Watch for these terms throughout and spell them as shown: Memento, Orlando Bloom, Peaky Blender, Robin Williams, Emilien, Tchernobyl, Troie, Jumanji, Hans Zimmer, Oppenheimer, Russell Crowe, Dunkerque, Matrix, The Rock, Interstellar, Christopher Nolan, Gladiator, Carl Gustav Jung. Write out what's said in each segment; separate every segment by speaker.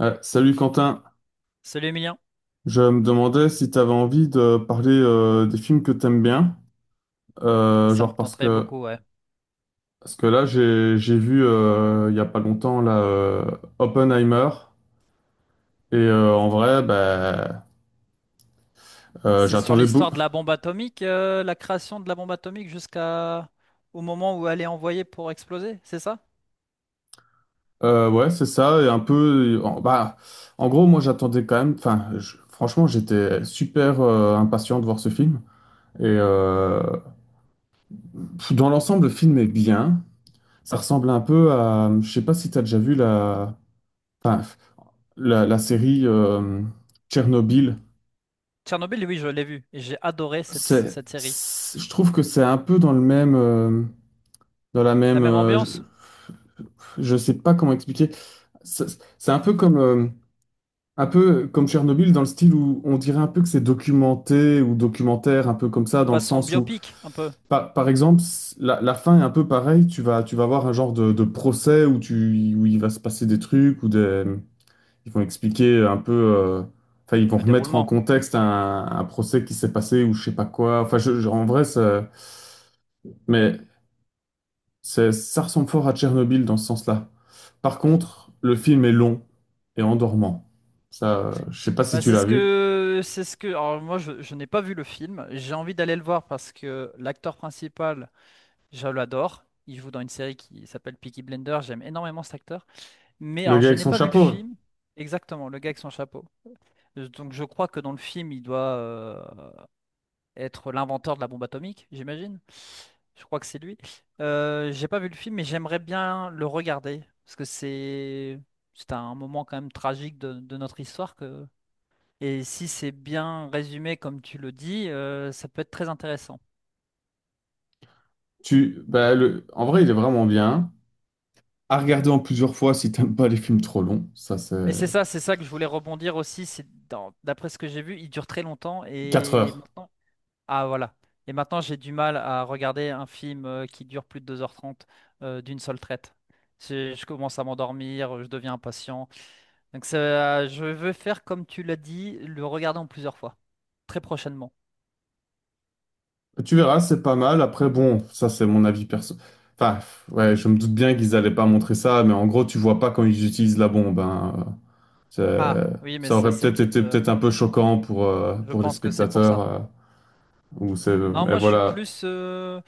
Speaker 1: Ouais, salut Quentin,
Speaker 2: Celui mien,
Speaker 1: je me demandais si tu avais envie de parler des films que t'aimes bien.
Speaker 2: ça me
Speaker 1: Genre, parce
Speaker 2: tenterait
Speaker 1: que
Speaker 2: beaucoup, ouais.
Speaker 1: parce que là j'ai vu il y a pas longtemps là, Oppenheimer, et en vrai, bah
Speaker 2: C'est sur
Speaker 1: j'attendais beaucoup.
Speaker 2: l'histoire de la bombe atomique, la création de la bombe atomique jusqu'à au moment où elle est envoyée pour exploser, c'est ça?
Speaker 1: Ouais, c'est ça, et un peu en, bah en gros moi j'attendais quand même, enfin franchement j'étais super impatient de voir ce film, et dans l'ensemble le film est bien. Ça ressemble un peu à, je sais pas si t'as déjà vu la... Enfin, la série Tchernobyl.
Speaker 2: Tchernobyl, oui, je l'ai vu et j'ai adoré cette, cette série.
Speaker 1: Je trouve que c'est un peu dans le même, dans la
Speaker 2: La
Speaker 1: même,
Speaker 2: même ambiance,
Speaker 1: je sais pas comment expliquer. C'est c'est un peu comme Tchernobyl, dans le style où on dirait un peu que c'est documenté, ou documentaire, un peu comme ça. Dans le
Speaker 2: façon
Speaker 1: sens où,
Speaker 2: biopic un peu,
Speaker 1: par exemple, la fin est un peu pareille. Tu vas avoir un genre de, procès où où il va se passer des trucs ou des... Ils vont expliquer un peu, enfin, ils vont
Speaker 2: le
Speaker 1: remettre en
Speaker 2: déroulement.
Speaker 1: contexte un procès qui s'est passé ou je sais pas quoi. Enfin, en vrai, mais ça ressemble fort à Tchernobyl dans ce sens-là. Par contre, le film est long et endormant. Ça, je sais pas si
Speaker 2: Bah,
Speaker 1: tu
Speaker 2: c'est
Speaker 1: l'as
Speaker 2: ce
Speaker 1: vu.
Speaker 2: que c'est ce que alors je n'ai pas vu le film, j'ai envie d'aller le voir parce que l'acteur principal, je l'adore, il joue dans une série qui s'appelle Peaky Blender, j'aime énormément cet acteur. Mais
Speaker 1: Le
Speaker 2: alors,
Speaker 1: gars
Speaker 2: je
Speaker 1: avec
Speaker 2: n'ai
Speaker 1: son
Speaker 2: pas vu le
Speaker 1: chapeau,
Speaker 2: film exactement, le gars avec son chapeau. Donc, je crois que dans le film, il doit être l'inventeur de la bombe atomique, j'imagine. Je crois que c'est lui. J'ai pas vu le film, mais j'aimerais bien le regarder parce que c'est un moment quand même tragique de notre histoire que et si c'est bien résumé comme tu le dis, ça peut être très intéressant.
Speaker 1: bah, en vrai, il est vraiment bien. À regarder en plusieurs fois si t'aimes pas les films trop longs. Ça, c'est
Speaker 2: Mais c'est ça que je voulais rebondir aussi. D'après ce que j'ai vu, il dure très longtemps
Speaker 1: 4
Speaker 2: et
Speaker 1: heures.
Speaker 2: maintenant. Ah voilà. Et maintenant, j'ai du mal à regarder un film qui dure plus de 2h30 d'une seule traite. Je commence à m'endormir, je deviens impatient. Donc je veux faire comme tu l'as dit, le regarder en plusieurs fois, très prochainement.
Speaker 1: Tu verras, c'est pas mal. Après, bon, ça c'est mon avis perso. Enfin, ouais, je me doute bien qu'ils allaient pas montrer ça, mais en gros, tu vois pas quand ils utilisent la bombe, hein.
Speaker 2: Ah
Speaker 1: C'est-
Speaker 2: oui, mais
Speaker 1: Ça
Speaker 2: ça
Speaker 1: aurait
Speaker 2: c'est
Speaker 1: peut-être
Speaker 2: peut-être
Speaker 1: été peut-être un peu choquant
Speaker 2: je
Speaker 1: pour les
Speaker 2: pense que c'est pour
Speaker 1: spectateurs.
Speaker 2: ça. Non,
Speaker 1: Mais
Speaker 2: moi je suis
Speaker 1: voilà,
Speaker 2: plus...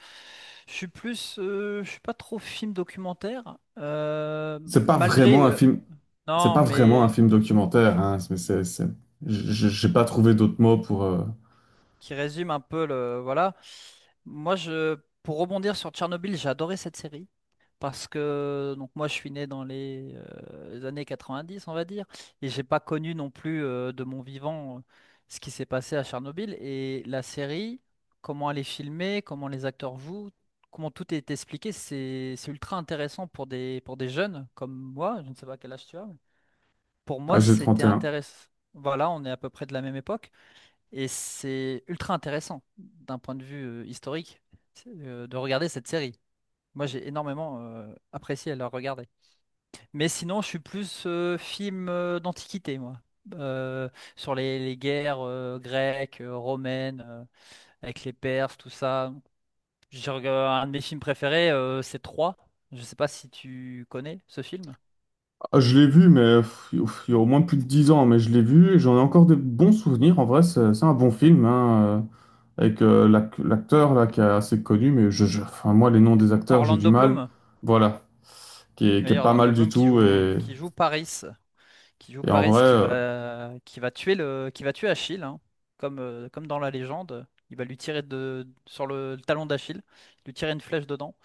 Speaker 2: je suis plus... je suis pas trop film documentaire
Speaker 1: c'est pas vraiment un film. C'est
Speaker 2: non,
Speaker 1: pas vraiment un
Speaker 2: mais
Speaker 1: film documentaire, hein. Mais j'ai pas trouvé d'autres mots pour
Speaker 2: qui résume un peu le voilà. Moi, je Pour rebondir sur Tchernobyl, j'ai adoré cette série parce que donc moi je suis né dans les années 90, on va dire, et j'ai pas connu non plus de mon vivant ce qui s'est passé à Tchernobyl et la série, comment elle est filmée, comment les acteurs jouent, comment tout est expliqué, c'est ultra intéressant pour des jeunes comme moi, je ne sais pas quel âge tu as, mais pour moi, c'était
Speaker 1: AG31.
Speaker 2: intéressant. Voilà, on est à peu près de la même époque. Et c'est ultra intéressant d'un point de vue historique de regarder cette série. Moi, j'ai énormément apprécié à la regarder. Mais sinon, je suis plus film d'antiquité, moi. Euh, Sur les guerres grecques, romaines, avec les Perses, tout ça. Un de mes films préférés, c'est Troie. Je sais pas si tu connais ce film.
Speaker 1: Ah, je l'ai vu, mais il y a au moins plus de 10 ans, mais je l'ai vu et j'en ai encore des bons souvenirs. En vrai, c'est un bon film, hein. Avec l'acteur là qui est assez connu, mais enfin, moi les noms des acteurs j'ai du
Speaker 2: Orlando
Speaker 1: mal.
Speaker 2: Bloom.
Speaker 1: Voilà, qui est
Speaker 2: D'ailleurs,
Speaker 1: pas
Speaker 2: Orlando
Speaker 1: mal du
Speaker 2: Bloom qui
Speaker 1: tout,
Speaker 2: joue,
Speaker 1: et,
Speaker 2: qui joue Paris, qui joue
Speaker 1: et en
Speaker 2: Paris,
Speaker 1: vrai,
Speaker 2: qui va, qui va tuer le, qui va tuer Achille, hein, comme dans la légende. Il va lui tirer sur le talon d'Achille, lui tirer une flèche dedans.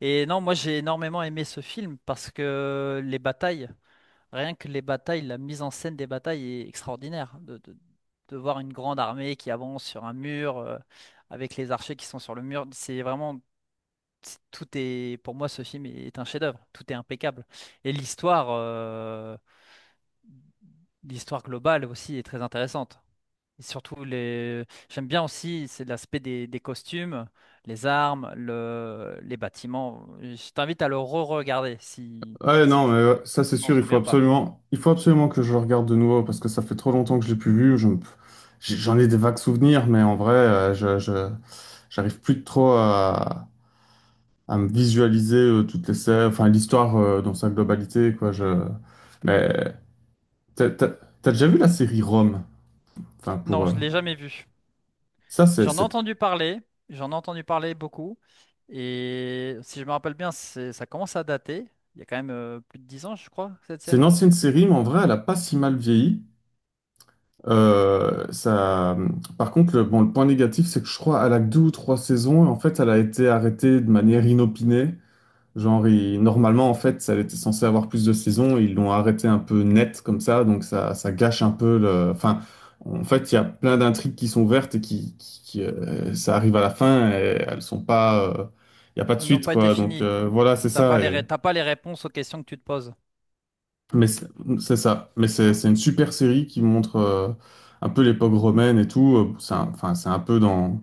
Speaker 2: Et non, moi j'ai énormément aimé ce film parce que les batailles, rien que les batailles, la mise en scène des batailles est extraordinaire. De voir une grande armée qui avance sur un mur, avec les archers qui sont sur le mur, c'est vraiment, tout est, pour moi ce film est un chef-d'œuvre, tout est impeccable. Et l'histoire. euh, L'histoire globale aussi est très intéressante. Et surtout, les... J'aime bien aussi, c'est l'aspect des costumes, les armes, les bâtiments. Je t'invite à le re-regarder si,
Speaker 1: ouais,
Speaker 2: si
Speaker 1: non,
Speaker 2: tu
Speaker 1: mais ouais, ça c'est
Speaker 2: t'en
Speaker 1: sûr,
Speaker 2: souviens pas.
Speaker 1: il faut absolument que je le regarde de nouveau parce que ça fait trop longtemps que je l'ai plus vu. J'en ai des vagues souvenirs, mais en vrai, j'arrive plus trop à me visualiser toutes les scènes, enfin l'histoire dans sa globalité, quoi. Mais t'as t'as- t'as déjà vu la série Rome? Enfin
Speaker 2: Non,
Speaker 1: pour
Speaker 2: je l'ai jamais vu.
Speaker 1: ça
Speaker 2: J'en ai
Speaker 1: c'est
Speaker 2: entendu parler, j'en ai entendu parler beaucoup. Et si je me rappelle bien, ça commence à dater. Il y a quand même plus de 10 ans, je crois, cette
Speaker 1: C'est une
Speaker 2: série.
Speaker 1: ancienne série, mais en vrai, elle a pas si mal vieilli. Euh, ça... Par contre, bon, le point négatif, c'est que je crois qu'elle a que deux ou trois saisons, et en fait, elle a été arrêtée de manière inopinée. Genre, normalement, en fait, elle était censée avoir plus de saisons. Ils l'ont arrêtée un peu net comme ça. Donc ça gâche un peu le... Enfin, en fait, il y a plein d'intrigues qui sont ouvertes et qui, ça arrive à la fin et elles sont pas, il n'y a pas de
Speaker 2: Elles n'ont
Speaker 1: suite,
Speaker 2: pas été
Speaker 1: quoi. Donc,
Speaker 2: finies.
Speaker 1: voilà, c'est ça. Et
Speaker 2: T'as pas les réponses aux questions que tu te poses.
Speaker 1: Mais c'est ça. Mais c'est une super série qui montre un peu l'époque romaine et tout. Enfin, c'est un peu dans...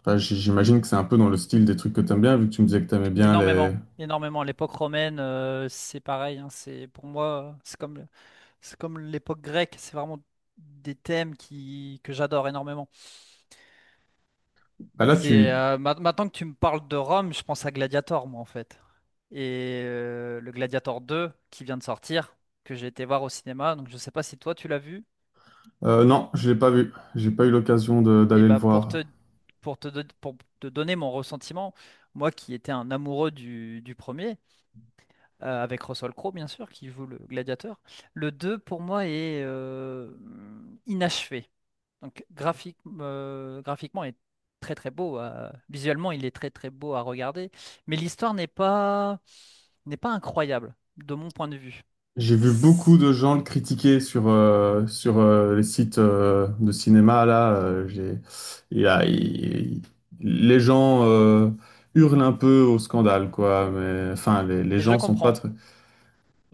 Speaker 1: enfin, j'imagine que c'est un peu dans le style des trucs que t'aimes bien, vu que tu me disais que t'aimais bien les...
Speaker 2: Énormément, énormément. L'époque romaine, c'est pareil. Hein. C'est pour moi, euh, c'est comme, c'est comme l'époque grecque. C'est vraiment des thèmes qui que j'adore énormément.
Speaker 1: Bah là,
Speaker 2: C'est
Speaker 1: tu...
Speaker 2: maintenant que tu me parles de Rome, je pense à Gladiator, moi en fait. Et le Gladiator 2 qui vient de sortir, que j'ai été voir au cinéma. Donc je sais pas si toi tu l'as vu.
Speaker 1: Non, je l'ai pas vu. J'ai pas eu l'occasion
Speaker 2: Et
Speaker 1: d'aller le
Speaker 2: bah pour
Speaker 1: voir.
Speaker 2: te pour te don- pour te donner mon ressentiment, moi qui étais un amoureux du premier avec Russell Crowe, bien sûr, qui joue le gladiateur. Le 2 pour moi, est inachevé. Donc, graphiquement, il est très très beau visuellement, il est très très beau à regarder. Mais l'histoire n'est pas, n'est pas incroyable, de mon point de vue.
Speaker 1: J'ai vu
Speaker 2: C'est-
Speaker 1: beaucoup de gens le critiquer sur les sites de cinéma là, j'ai... il y a- il- Les gens hurlent un peu au scandale, quoi. Mais enfin, les
Speaker 2: Mais je
Speaker 1: gens sont pas
Speaker 2: comprends.
Speaker 1: très...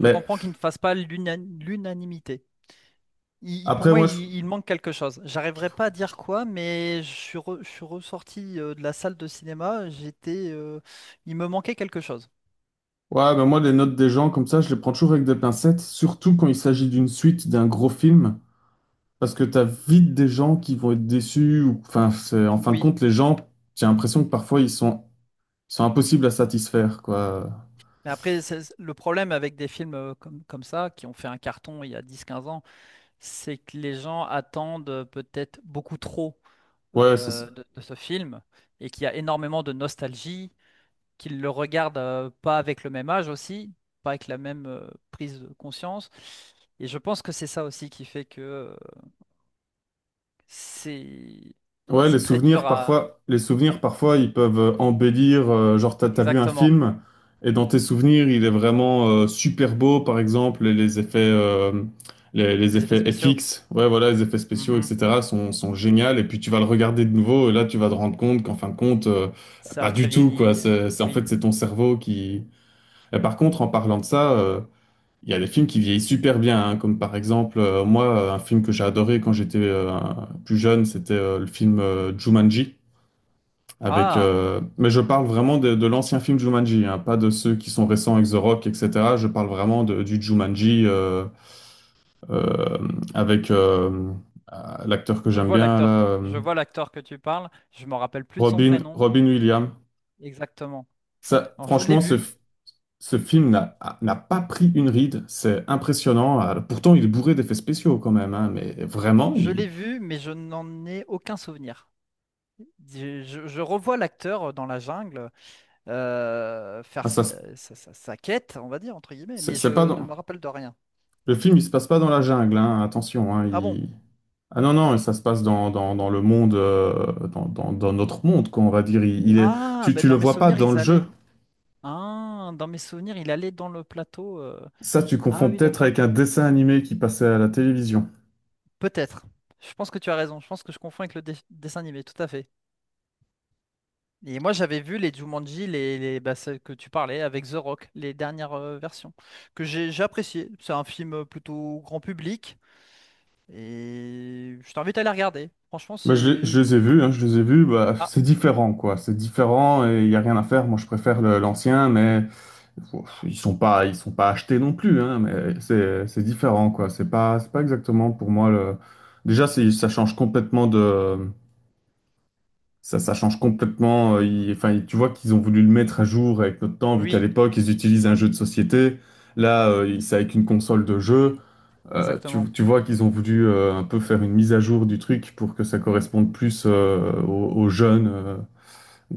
Speaker 2: Je comprends qu'il ne fasse pas l'unanimité. Pour
Speaker 1: après,
Speaker 2: moi,
Speaker 1: moi, je...
Speaker 2: il manque quelque chose. J'arriverai pas à dire quoi, mais je suis ressorti de la salle de cinéma. J'étais il me manquait quelque chose.
Speaker 1: Ouais, ben moi, les notes des gens, comme ça, je les prends toujours avec des pincettes, surtout quand il s'agit d'une suite, d'un gros film, parce que t'as vite des gens qui vont être déçus. Ou, enfin, en fin de
Speaker 2: Oui,
Speaker 1: compte, les gens, j'ai l'impression que parfois, ils sont, impossibles à satisfaire, quoi.
Speaker 2: mais après, le problème avec des films comme ça, qui ont fait un carton il y a 10 15 ans, c'est que les gens attendent peut-être beaucoup trop
Speaker 1: Ouais, c'est
Speaker 2: de ce film et qu'il y a énormément de nostalgie, qu'ils le regardent pas avec le même âge aussi, pas avec la même prise de conscience. Et je pense que c'est ça aussi qui fait que c'est
Speaker 1: Ouais, les
Speaker 2: c'est très
Speaker 1: souvenirs
Speaker 2: dur à...
Speaker 1: parfois, les souvenirs parfois, ils peuvent embellir. Genre, t'as vu un
Speaker 2: Exactement,
Speaker 1: film et dans tes souvenirs, il est vraiment super beau, par exemple, et les effets, les
Speaker 2: les effets
Speaker 1: effets
Speaker 2: spéciaux.
Speaker 1: FX, ouais, voilà, les effets spéciaux,
Speaker 2: Mhm.
Speaker 1: etc. sont géniaux. Et puis tu vas le regarder de nouveau et là, tu vas te rendre compte qu'en fin de compte,
Speaker 2: Ça a
Speaker 1: pas
Speaker 2: très
Speaker 1: du tout, quoi.
Speaker 2: vieilli,
Speaker 1: C'est, c'est- en
Speaker 2: oui.
Speaker 1: fait, c'est ton cerveau qui... Et par contre, en parlant de ça, il y a des films qui vieillissent super bien, hein, comme par exemple, un film que j'ai adoré quand j'étais plus jeune, c'était le film Jumanji.
Speaker 2: Ah!
Speaker 1: Mais je parle vraiment de, l'ancien film Jumanji, hein, pas de ceux qui sont récents avec The Rock, etc. Je parle vraiment du Jumanji, euh, avec euh, l'acteur que
Speaker 2: Je
Speaker 1: j'aime
Speaker 2: vois
Speaker 1: bien,
Speaker 2: l'acteur.
Speaker 1: là,
Speaker 2: Je vois l'acteur que tu parles. Je me rappelle plus de son
Speaker 1: Robin,
Speaker 2: prénom.
Speaker 1: Robin Williams.
Speaker 2: Exactement.
Speaker 1: Ça,
Speaker 2: Alors, je l'ai
Speaker 1: franchement, ce,
Speaker 2: vu.
Speaker 1: f- ce film n'a pas pris une ride. C'est impressionnant. Alors, pourtant, il est bourré d'effets spéciaux quand même, hein, mais vraiment,
Speaker 2: Je l'ai
Speaker 1: il...
Speaker 2: vu, mais je n'en ai aucun souvenir. Je revois l'acteur dans la jungle faire
Speaker 1: Ah, ça,
Speaker 2: sa,
Speaker 1: se-
Speaker 2: sa- sa- sa quête, on va dire, entre guillemets,
Speaker 1: c'est
Speaker 2: mais
Speaker 1: c'est pas
Speaker 2: je ne
Speaker 1: dans...
Speaker 2: me rappelle de rien.
Speaker 1: Le film, il se passe pas dans la jungle, hein, attention, hein.
Speaker 2: Ah bon?
Speaker 1: Ah non, non, ça se passe dans, dans, dans, le monde, dans notre monde, qu'on va dire. Il est...
Speaker 2: Ah,
Speaker 1: tu,
Speaker 2: ben
Speaker 1: tu le
Speaker 2: dans mes
Speaker 1: vois pas
Speaker 2: souvenirs,
Speaker 1: dans
Speaker 2: ils
Speaker 1: le
Speaker 2: allaient.
Speaker 1: jeu.
Speaker 2: Ah, dans mes souvenirs, il allait dans le plateau.
Speaker 1: Ça, tu
Speaker 2: Ah
Speaker 1: confonds
Speaker 2: oui,
Speaker 1: peut-être
Speaker 2: d'accord.
Speaker 1: avec un dessin animé qui passait à la télévision.
Speaker 2: Peut-être. Je pense que tu as raison. Je pense que je confonds avec le dessin animé, tout à fait. Et moi, j'avais vu les Jumanji, bah, celles que tu parlais avec The Rock, les dernières versions, que j'ai apprécié. C'est un film plutôt grand public et je t'invite à les regarder. Franchement,
Speaker 1: Bah, je
Speaker 2: c'est...
Speaker 1: les ai vus, hein, je les ai vus, bah,
Speaker 2: Ah,
Speaker 1: c'est différent, quoi. C'est différent et il n'y a rien à faire. Moi, je préfère l'ancien. Mais ils sont pas achetés non plus, hein, mais c'est différent, quoi. C'est pas exactement pour moi le... Déjà, ça change complètement ça, ça change complètement. Enfin, tu vois qu'ils ont voulu le mettre à jour avec notre temps, vu qu'à
Speaker 2: oui,
Speaker 1: l'époque ils utilisent un jeu de société. Là, c'est avec une console de jeu. Euh, tu,
Speaker 2: exactement.
Speaker 1: tu vois qu'ils ont voulu un peu faire une mise à jour du truc pour que ça corresponde plus aux jeunes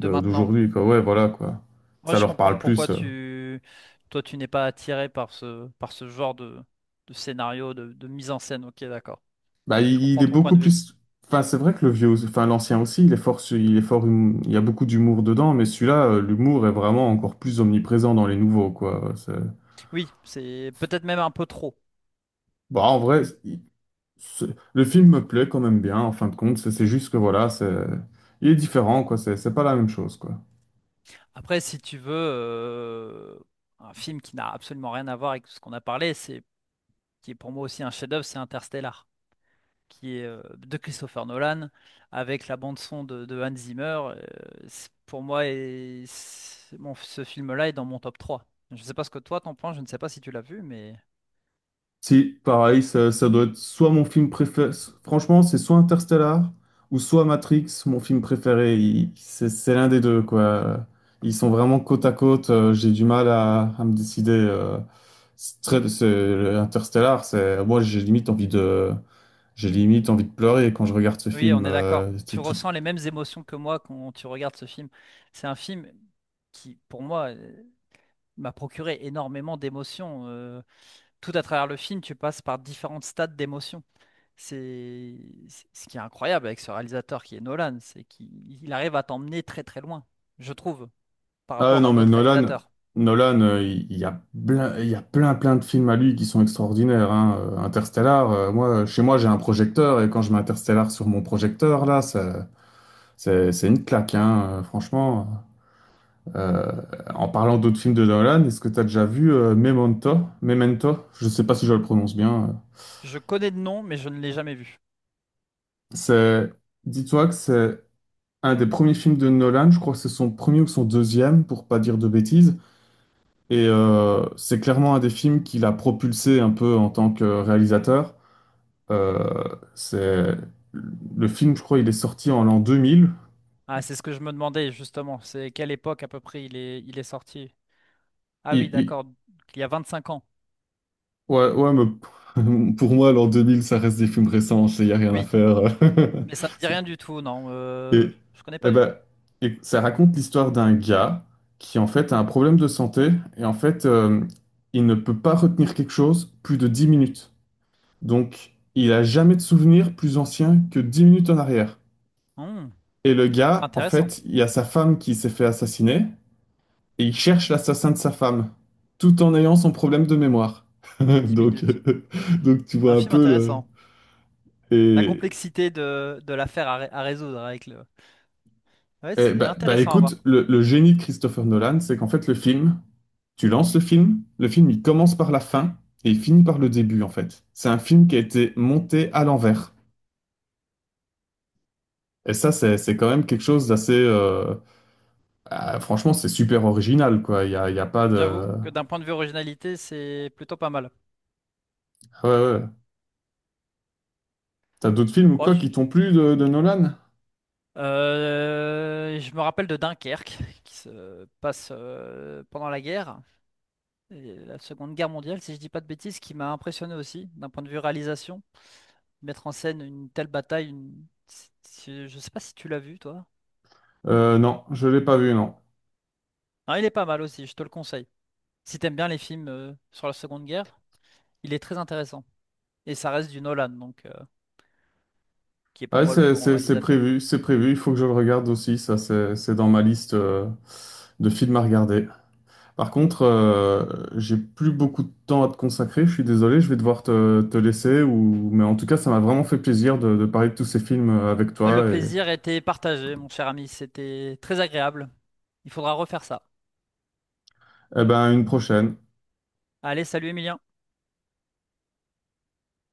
Speaker 2: De maintenant.
Speaker 1: d'aujourd'hui, quoi. Ouais, voilà, quoi.
Speaker 2: Moi,
Speaker 1: Ça
Speaker 2: je
Speaker 1: leur
Speaker 2: comprends
Speaker 1: parle
Speaker 2: pourquoi
Speaker 1: plus.
Speaker 2: tu... Toi, tu n'es pas attiré par ce genre de scénario, de mise en scène. Ok, d'accord.
Speaker 1: Bah,
Speaker 2: Je
Speaker 1: il
Speaker 2: comprends
Speaker 1: est
Speaker 2: ton point
Speaker 1: beaucoup
Speaker 2: de vue.
Speaker 1: plus... Enfin, c'est vrai que le vieux, enfin l'ancien aussi, il est fort, il y a beaucoup d'humour dedans, mais celui-là, l'humour est vraiment encore plus omniprésent dans les nouveaux, quoi.
Speaker 2: Oui, c'est peut-être même un peu trop.
Speaker 1: Bah, en vrai, le film me plaît quand même bien. En fin de compte, c'est juste que voilà, il est différent, quoi. C'est pas la même chose, quoi.
Speaker 2: Après, si tu veux, un film qui n'a absolument rien à voir avec ce qu'on a parlé, c'est qui est pour moi aussi un chef-d'œuvre, c'est Interstellar, qui est de Christopher Nolan avec la bande son de Hans Zimmer. euh, pour moi, bon, ce film-là est dans mon top 3. Je ne sais pas ce que toi t'en penses, je ne sais pas si tu l'as vu, mais
Speaker 1: Si, pareil, ça doit être soit mon film préféré. Franchement, c'est soit Interstellar, ou soit Matrix, mon film préféré. C'est l'un des deux, quoi. Ils sont vraiment côte à côte. J'ai du mal à, me décider. C'est très, Interstellar, j'ai limite envie de pleurer quand je regarde ce
Speaker 2: oui, on
Speaker 1: film.
Speaker 2: est d'accord. Tu
Speaker 1: C'est tout...
Speaker 2: ressens les mêmes émotions que moi quand tu regardes ce film. C'est un film qui, pour moi, m'a procuré énormément d'émotions tout à travers le film, tu passes par différentes stades d'émotion. C'est Ce qui est incroyable avec ce réalisateur qui est Nolan, c'est qu'il il arrive à t'emmener très très loin, je trouve, par
Speaker 1: Ah
Speaker 2: rapport à
Speaker 1: non, mais
Speaker 2: d'autres
Speaker 1: Nolan,
Speaker 2: réalisateurs.
Speaker 1: Nolan, il y a plein, il y a plein, plein de films à lui qui sont extraordinaires, hein. Interstellar, chez moi, j'ai un projecteur, et quand je mets Interstellar sur mon projecteur, là, c'est une claque, hein, franchement. Euh, en parlant d'autres films de Nolan, est-ce que tu as déjà vu Memento? Memento? Je sais pas si je le prononce bien.
Speaker 2: Je connais le nom, mais je ne l'ai jamais vu.
Speaker 1: C'est, dis-toi que c'est un des premiers films de Nolan, je crois que c'est son premier ou son deuxième, pour pas dire de bêtises. Et c'est clairement un des films qui l'a propulsé un peu en tant que réalisateur. C'est le film, je crois, il est sorti en l'an 2000.
Speaker 2: Ah, c'est ce que je me demandais justement, c'est quelle époque à peu près il est sorti. Ah
Speaker 1: Il,
Speaker 2: oui,
Speaker 1: il-
Speaker 2: d'accord, il y a 25 ans.
Speaker 1: Ouais, ouais, mais pour moi, l'an 2000, ça reste des films récents. Il n'y a rien à
Speaker 2: Oui,
Speaker 1: faire.
Speaker 2: mais ça me dit
Speaker 1: C'est-
Speaker 2: rien du tout, non,
Speaker 1: Et,
Speaker 2: je connais pas
Speaker 1: eh
Speaker 2: du
Speaker 1: ben,
Speaker 2: tout.
Speaker 1: et ça raconte l'histoire d'un gars qui en fait a un problème de santé et en fait, il ne peut pas retenir quelque chose plus de 10 minutes. Donc, il a jamais de souvenir plus ancien que 10 minutes en arrière.
Speaker 2: Hmm,
Speaker 1: Et le gars, en
Speaker 2: intéressant,
Speaker 1: fait, il y a sa femme qui s'est fait assassiner, et il cherche l'assassin de sa femme, tout en ayant son problème de mémoire.
Speaker 2: de 10
Speaker 1: Donc,
Speaker 2: minutes.
Speaker 1: euh, donc, tu
Speaker 2: Un
Speaker 1: vois un
Speaker 2: film
Speaker 1: peu le...
Speaker 2: intéressant. La
Speaker 1: Et,
Speaker 2: complexité de l'affaire à résoudre avec le, ouais,
Speaker 1: et
Speaker 2: c'est
Speaker 1: bah, bah,
Speaker 2: intéressant à voir.
Speaker 1: écoute, le génie de Christopher Nolan, c'est qu'en fait le film, tu lances le film il commence par la fin et il finit par le début en fait. C'est un film qui a été monté à l'envers. Et ça, c'est quand même quelque chose d'assez... ah, franchement, c'est super original, quoi. Il y a pas
Speaker 2: J'avoue
Speaker 1: de...
Speaker 2: que d'un point de vue originalité, c'est plutôt pas mal.
Speaker 1: Ah ouais, ouais. T'as d'autres films ou
Speaker 2: Bon,
Speaker 1: quoi
Speaker 2: je,
Speaker 1: qui t'ont plu de Nolan?
Speaker 2: je me rappelle de Dunkerque, qui se passe pendant la guerre, et la Seconde Guerre mondiale, si je dis pas de bêtises, qui m'a impressionné aussi, d'un point de vue réalisation. Mettre en scène une telle bataille, une... je sais pas si tu l'as vu, toi.
Speaker 1: Non, je l'ai pas vu, non.
Speaker 2: Non, il est pas mal aussi, je te le conseille. Si t'aimes bien les films sur la Seconde Guerre, il est très intéressant. Et ça reste du Nolan, donc, qui est pour
Speaker 1: Ouais,
Speaker 2: moi le plus grand réalisateur.
Speaker 1: c'est prévu, il faut que je le regarde aussi, ça c'est dans ma liste de films à regarder. Par contre, j'ai plus beaucoup de temps à te consacrer, je suis désolé, je vais devoir te laisser, mais en tout cas, ça m'a vraiment fait plaisir de, parler de tous ces films avec
Speaker 2: Le
Speaker 1: toi, et
Speaker 2: plaisir était partagé, mon cher ami. C'était très agréable. Il faudra refaire ça.
Speaker 1: eh ben, à une prochaine.
Speaker 2: Allez, salut Emilien.